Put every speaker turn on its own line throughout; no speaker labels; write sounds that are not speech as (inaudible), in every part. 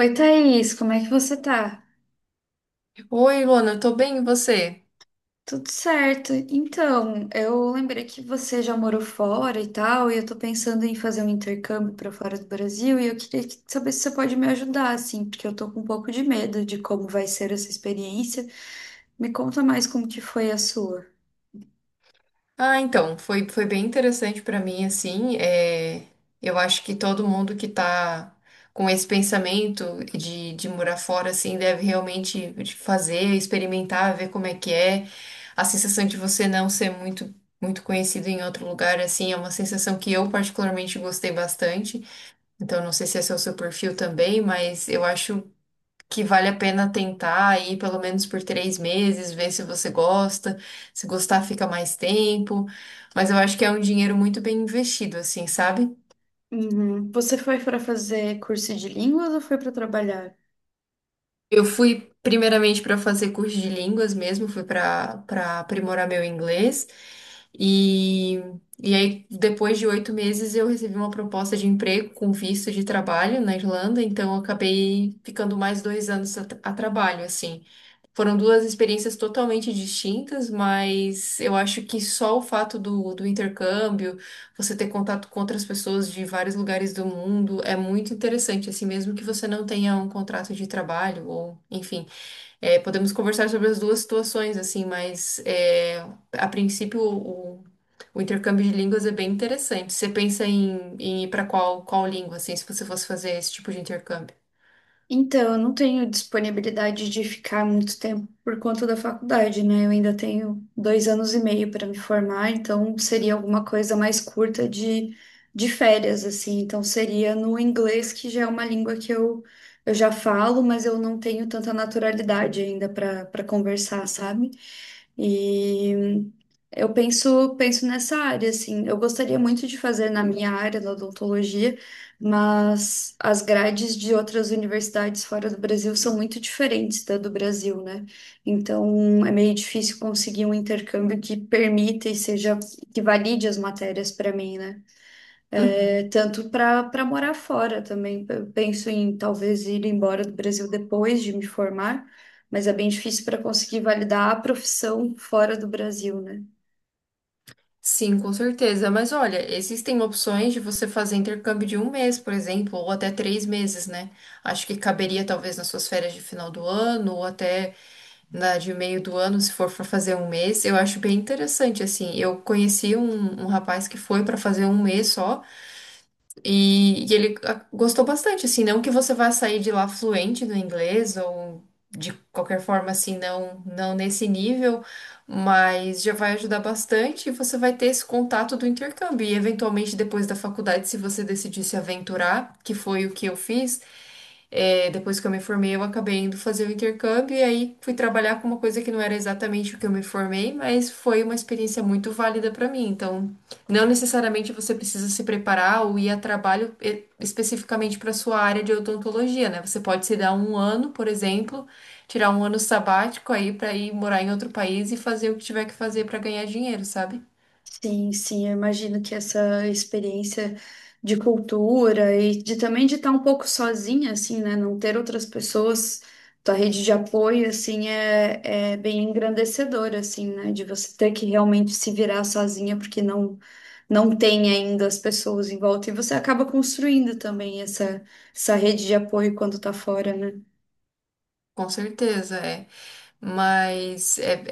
Oi, Thaís, como é que você tá?
Oi, Luana, eu tô bem, e você?
Tudo certo. Então, eu lembrei que você já morou fora e tal, e eu tô pensando em fazer um intercâmbio pra fora do Brasil, e eu queria que- saber se você pode me ajudar, assim, porque eu tô com um pouco de medo de como vai ser essa experiência. Me conta mais como que foi a sua.
Ah, então, foi bem interessante pra mim, assim, é, eu acho que todo mundo que tá com esse pensamento de morar fora, assim, deve realmente fazer, experimentar, ver como é que é, a sensação de você não ser muito, muito conhecido em outro lugar, assim, é uma sensação que eu particularmente gostei bastante, então não sei se esse é o seu perfil também, mas eu acho que vale a pena tentar ir pelo menos por 3 meses, ver se você gosta. Se gostar, fica mais tempo. Mas eu acho que é um dinheiro muito bem investido, assim, sabe?
Uhum. Você foi pra fazer curso de línguas ou foi pra trabalhar?
Eu fui primeiramente para fazer curso de línguas mesmo, fui para aprimorar meu inglês. E, e aí, depois de 8 meses, eu recebi uma proposta de emprego com visto de trabalho na Irlanda, então eu acabei ficando mais 2 anos a trabalho, assim. Foram duas experiências totalmente distintas, mas eu acho que só o fato do intercâmbio, você ter contato com outras pessoas de vários lugares do mundo, é muito interessante. Assim, mesmo que você não tenha um contrato de trabalho, ou enfim, é, podemos conversar sobre as duas situações, assim, mas é, a princípio o intercâmbio de línguas é bem interessante. Você pensa em ir para qual língua, assim, se você fosse fazer esse tipo de intercâmbio?
Então, eu não tenho disponibilidade de ficar muito tempo por conta da faculdade, né? Eu ainda tenho dois anos e meio para me formar, então seria alguma coisa mais curta de férias, assim. Então, seria no inglês, que já é uma língua que eu já falo, mas eu não tenho tanta naturalidade ainda para conversar, sabe? E eu penso nessa área, assim. Eu gostaria muito de fazer na minha área, da odontologia. Mas as grades de outras universidades fora do Brasil são muito diferentes da do Brasil, né? Então é meio difícil conseguir um intercâmbio que permita e seja que valide as matérias para mim, né? É,
Uhum.
tanto para morar fora também. Eu penso em talvez ir embora do Brasil depois de me formar, mas é bem difícil para conseguir validar a profissão fora do Brasil, né?
Sim, com certeza. Mas olha, existem opções de você fazer intercâmbio de um mês, por exemplo, ou até 3 meses, né? Acho que caberia talvez nas suas férias de final do ano, ou até na de meio do ano, se for para fazer um mês. Eu acho bem interessante, assim. Eu conheci um rapaz que foi para fazer um mês só. E ele gostou bastante, assim, não que você vá sair de lá fluente no inglês ou de qualquer forma, assim, não, não nesse nível, mas já vai ajudar bastante e você vai ter esse contato do intercâmbio. E eventualmente depois da faculdade, se você decidir se aventurar, que foi o que eu fiz, é, depois que eu me formei, eu acabei indo fazer o intercâmbio e aí fui trabalhar com uma coisa que não era exatamente o que eu me formei, mas foi uma experiência muito válida para mim. Então, não necessariamente você precisa se preparar ou ir a trabalho especificamente para sua área de odontologia, né? Você pode se dar um ano, por exemplo, tirar um ano sabático aí para ir morar em outro país e fazer o que tiver que fazer para ganhar dinheiro, sabe?
Sim, sim, eu imagino que essa experiência de cultura e de também de estar um pouco sozinha, assim, né? Não ter outras pessoas, tua rede de apoio, assim, é, é bem engrandecedora, assim, né? De você ter que realmente se virar sozinha, porque não tem ainda as pessoas em volta. E você acaba construindo também essa rede de apoio quando tá fora, né?
Com certeza, é. Mas é,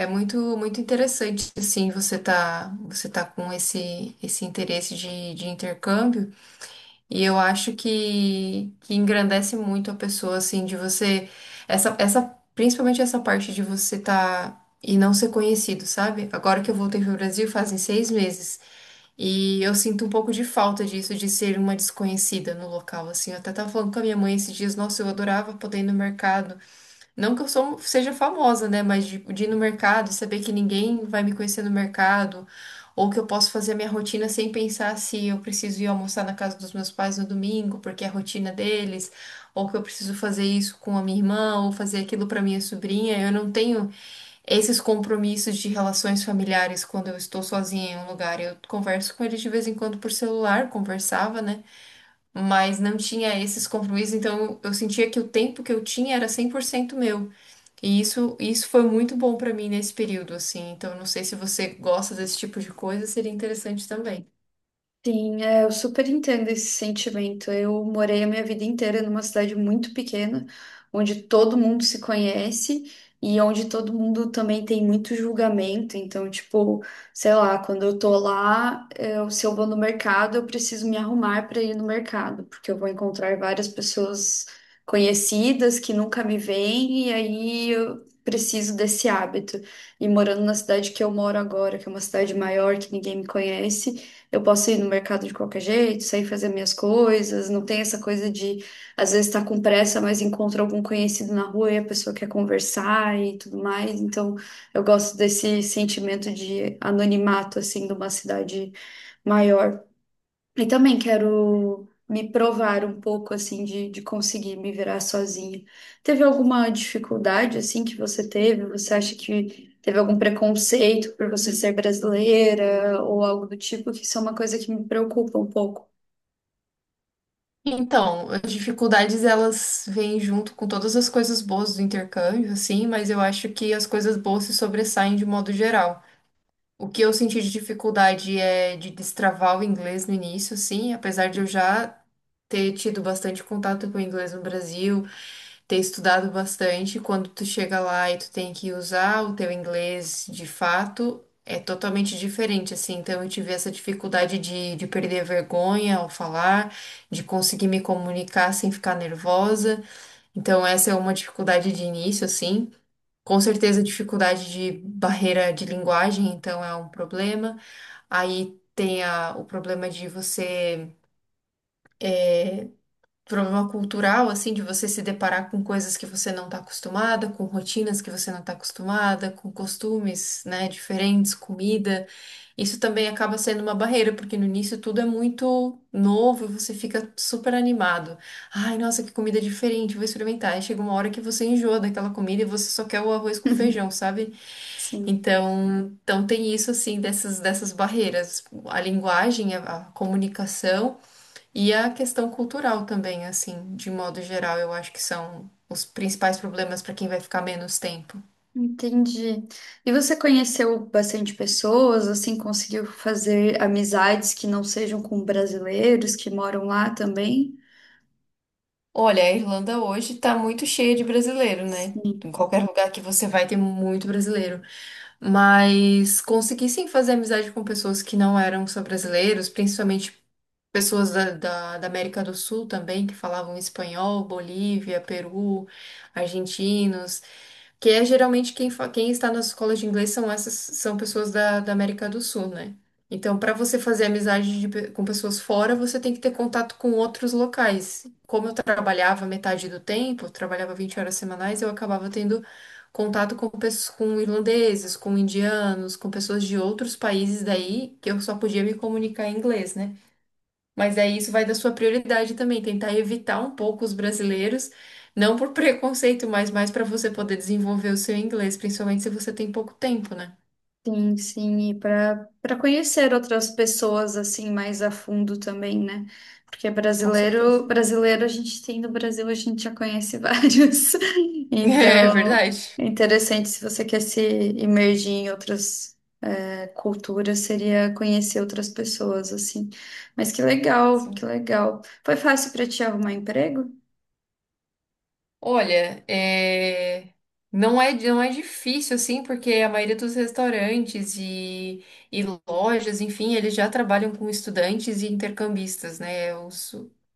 muito muito interessante, assim, você tá com esse interesse de intercâmbio. E eu acho que engrandece muito a pessoa, assim, de você... Essa, essa, principalmente essa parte de você tá... E não ser conhecido, sabe? Agora que eu voltei pro Brasil fazem 6 meses. E eu sinto um pouco de falta disso, de ser uma desconhecida no local, assim. Eu até tava falando com a minha mãe esses dias, nossa, eu adorava poder ir no mercado não que eu seja famosa, né? Mas de ir no mercado e saber que ninguém vai me conhecer no mercado, ou que eu posso fazer a minha rotina sem pensar se eu preciso ir almoçar na casa dos meus pais no domingo, porque é a rotina deles, ou que eu preciso fazer isso com a minha irmã, ou fazer aquilo para minha sobrinha. Eu não tenho esses compromissos de relações familiares quando eu estou sozinha em um lugar. Eu converso com eles de vez em quando por celular, conversava, né? Mas não tinha esses compromissos, então eu sentia que o tempo que eu tinha era 100% meu. E isso foi muito bom pra mim nesse período, assim. Então, não sei se você gosta desse tipo de coisa, seria interessante também.
Sim, é, eu super entendo esse sentimento. Eu morei a minha vida inteira numa cidade muito pequena, onde todo mundo se conhece e onde todo mundo também tem muito julgamento. Então, tipo, sei lá, quando eu tô lá, eu, se eu vou no mercado, eu preciso me arrumar para ir no mercado, porque eu vou encontrar várias pessoas conhecidas que nunca me veem e aí eu preciso desse hábito. E morando na cidade que eu moro agora, que é uma cidade maior, que ninguém me conhece. Eu posso ir no mercado de qualquer jeito, sair fazer minhas coisas. Não tem essa coisa de, às vezes, estar com pressa, mas encontra algum conhecido na rua e a pessoa quer conversar e tudo mais. Então, eu gosto desse sentimento de anonimato, assim, de uma cidade maior. E também quero me provar um pouco, assim, de conseguir me virar sozinha. Teve alguma dificuldade, assim, que você teve? Você acha que teve algum preconceito por você ser brasileira ou algo do tipo? Que isso é uma coisa que me preocupa um pouco.
Então, as dificuldades elas vêm junto com todas as coisas boas do intercâmbio, assim, mas eu acho que as coisas boas se sobressaem de modo geral. O que eu senti de dificuldade é de destravar o inglês no início, assim, apesar de eu já ter tido bastante contato com o inglês no Brasil, ter estudado bastante, quando tu chega lá e tu tem que usar o teu inglês de fato, é totalmente diferente, assim. Então eu tive essa dificuldade de perder a vergonha ao falar, de conseguir me comunicar sem ficar nervosa. Então essa é uma dificuldade de início, assim. Com certeza, dificuldade de barreira de linguagem, então é um problema. Aí tem a, o problema de você. Problema cultural, assim, de você se deparar com coisas que você não está acostumada, com rotinas que você não está acostumada, com costumes, né, diferentes, comida. Isso também acaba sendo uma barreira, porque no início tudo é muito novo e você fica super animado. Ai, nossa, que comida diferente, vou experimentar. Aí chega uma hora que você enjoa daquela comida e você só quer o arroz com feijão,
(laughs)
sabe?
Sim,
Então, então tem isso, assim, dessas barreiras. A linguagem, a comunicação. E a questão cultural também, assim, de modo geral, eu acho que são os principais problemas para quem vai ficar menos tempo.
entendi. E você conheceu bastante pessoas, assim, conseguiu fazer amizades que não sejam com brasileiros que moram lá também?
Olha, a Irlanda hoje está muito cheia de brasileiro, né?
Sim.
Em qualquer lugar que você vai ter muito brasileiro. Mas consegui sim fazer amizade com pessoas que não eram só brasileiros, principalmente pessoas da América do Sul também, que falavam espanhol, Bolívia, Peru, argentinos. Que é geralmente quem, quem está nas escolas de inglês são essas são pessoas da América do Sul, né? Então, para você fazer amizade de com pessoas fora, você tem que ter contato com outros locais. Como eu trabalhava metade do tempo, eu trabalhava 20 horas semanais, eu acabava tendo contato com, com irlandeses, com indianos, com pessoas de outros países daí, que eu só podia me comunicar em inglês, né? Mas aí isso vai da sua prioridade também, tentar evitar um pouco os brasileiros, não por (laughs) preconceito, mas mais para você poder desenvolver o seu inglês, principalmente se você tem pouco tempo, né?
Sim, sim, e para conhecer outras pessoas assim mais a fundo também, né? Porque
Com certeza.
brasileiro, brasileiro a gente tem no Brasil, a gente já conhece vários. (laughs)
(laughs) É
Então,
verdade.
é interessante se você quer se imergir em outras culturas, seria conhecer outras pessoas assim. Mas que legal, que
Sim.
legal. Foi fácil para te arrumar emprego?
Olha, é, não é difícil assim, porque a maioria dos restaurantes e lojas, enfim, eles já trabalham com estudantes e intercambistas, né? O,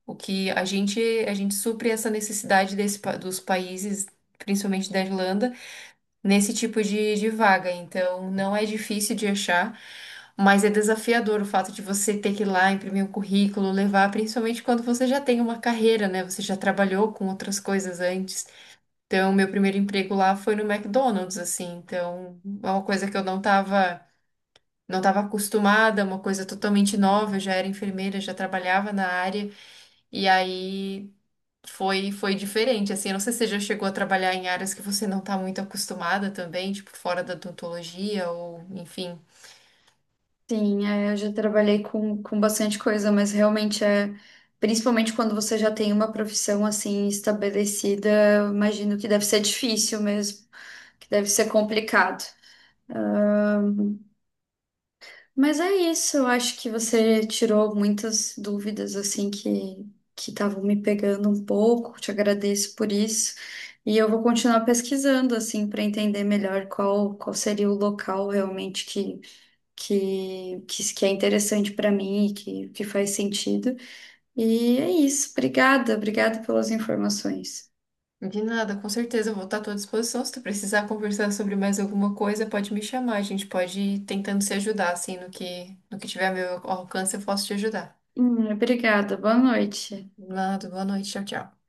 o que a gente supre essa necessidade dos países, principalmente da Irlanda, nesse tipo de vaga. Então, não é difícil de achar. Mas é desafiador o fato de você ter que ir lá imprimir um currículo, levar, principalmente quando você já tem uma carreira, né? Você já trabalhou com outras coisas antes. Então, meu primeiro emprego lá foi no McDonald's, assim. Então, é uma coisa que eu não estava acostumada, uma coisa totalmente nova. Eu já era enfermeira, já trabalhava na área. E aí foi diferente, assim. Eu não sei se você já chegou a trabalhar em áreas que você não está muito acostumada também, tipo fora da odontologia ou, enfim.
Sim, é, eu já trabalhei com bastante coisa, mas realmente é, principalmente quando você já tem uma profissão assim estabelecida, eu imagino que deve ser difícil mesmo, que deve ser complicado. Mas é isso, eu acho que você tirou muitas dúvidas assim que estavam me pegando um pouco, te agradeço por isso. E eu vou continuar pesquisando assim para entender melhor qual seria o local realmente que é interessante para mim e que faz sentido. E é isso. Obrigada, obrigada pelas informações.
De nada, com certeza, eu vou estar à tua disposição. Se tu precisar conversar sobre mais alguma coisa, pode me chamar. A gente pode ir tentando se ajudar, assim, no que, no que tiver a meu alcance, eu posso te ajudar.
Obrigada, boa noite.
Nada, boa noite, tchau, tchau.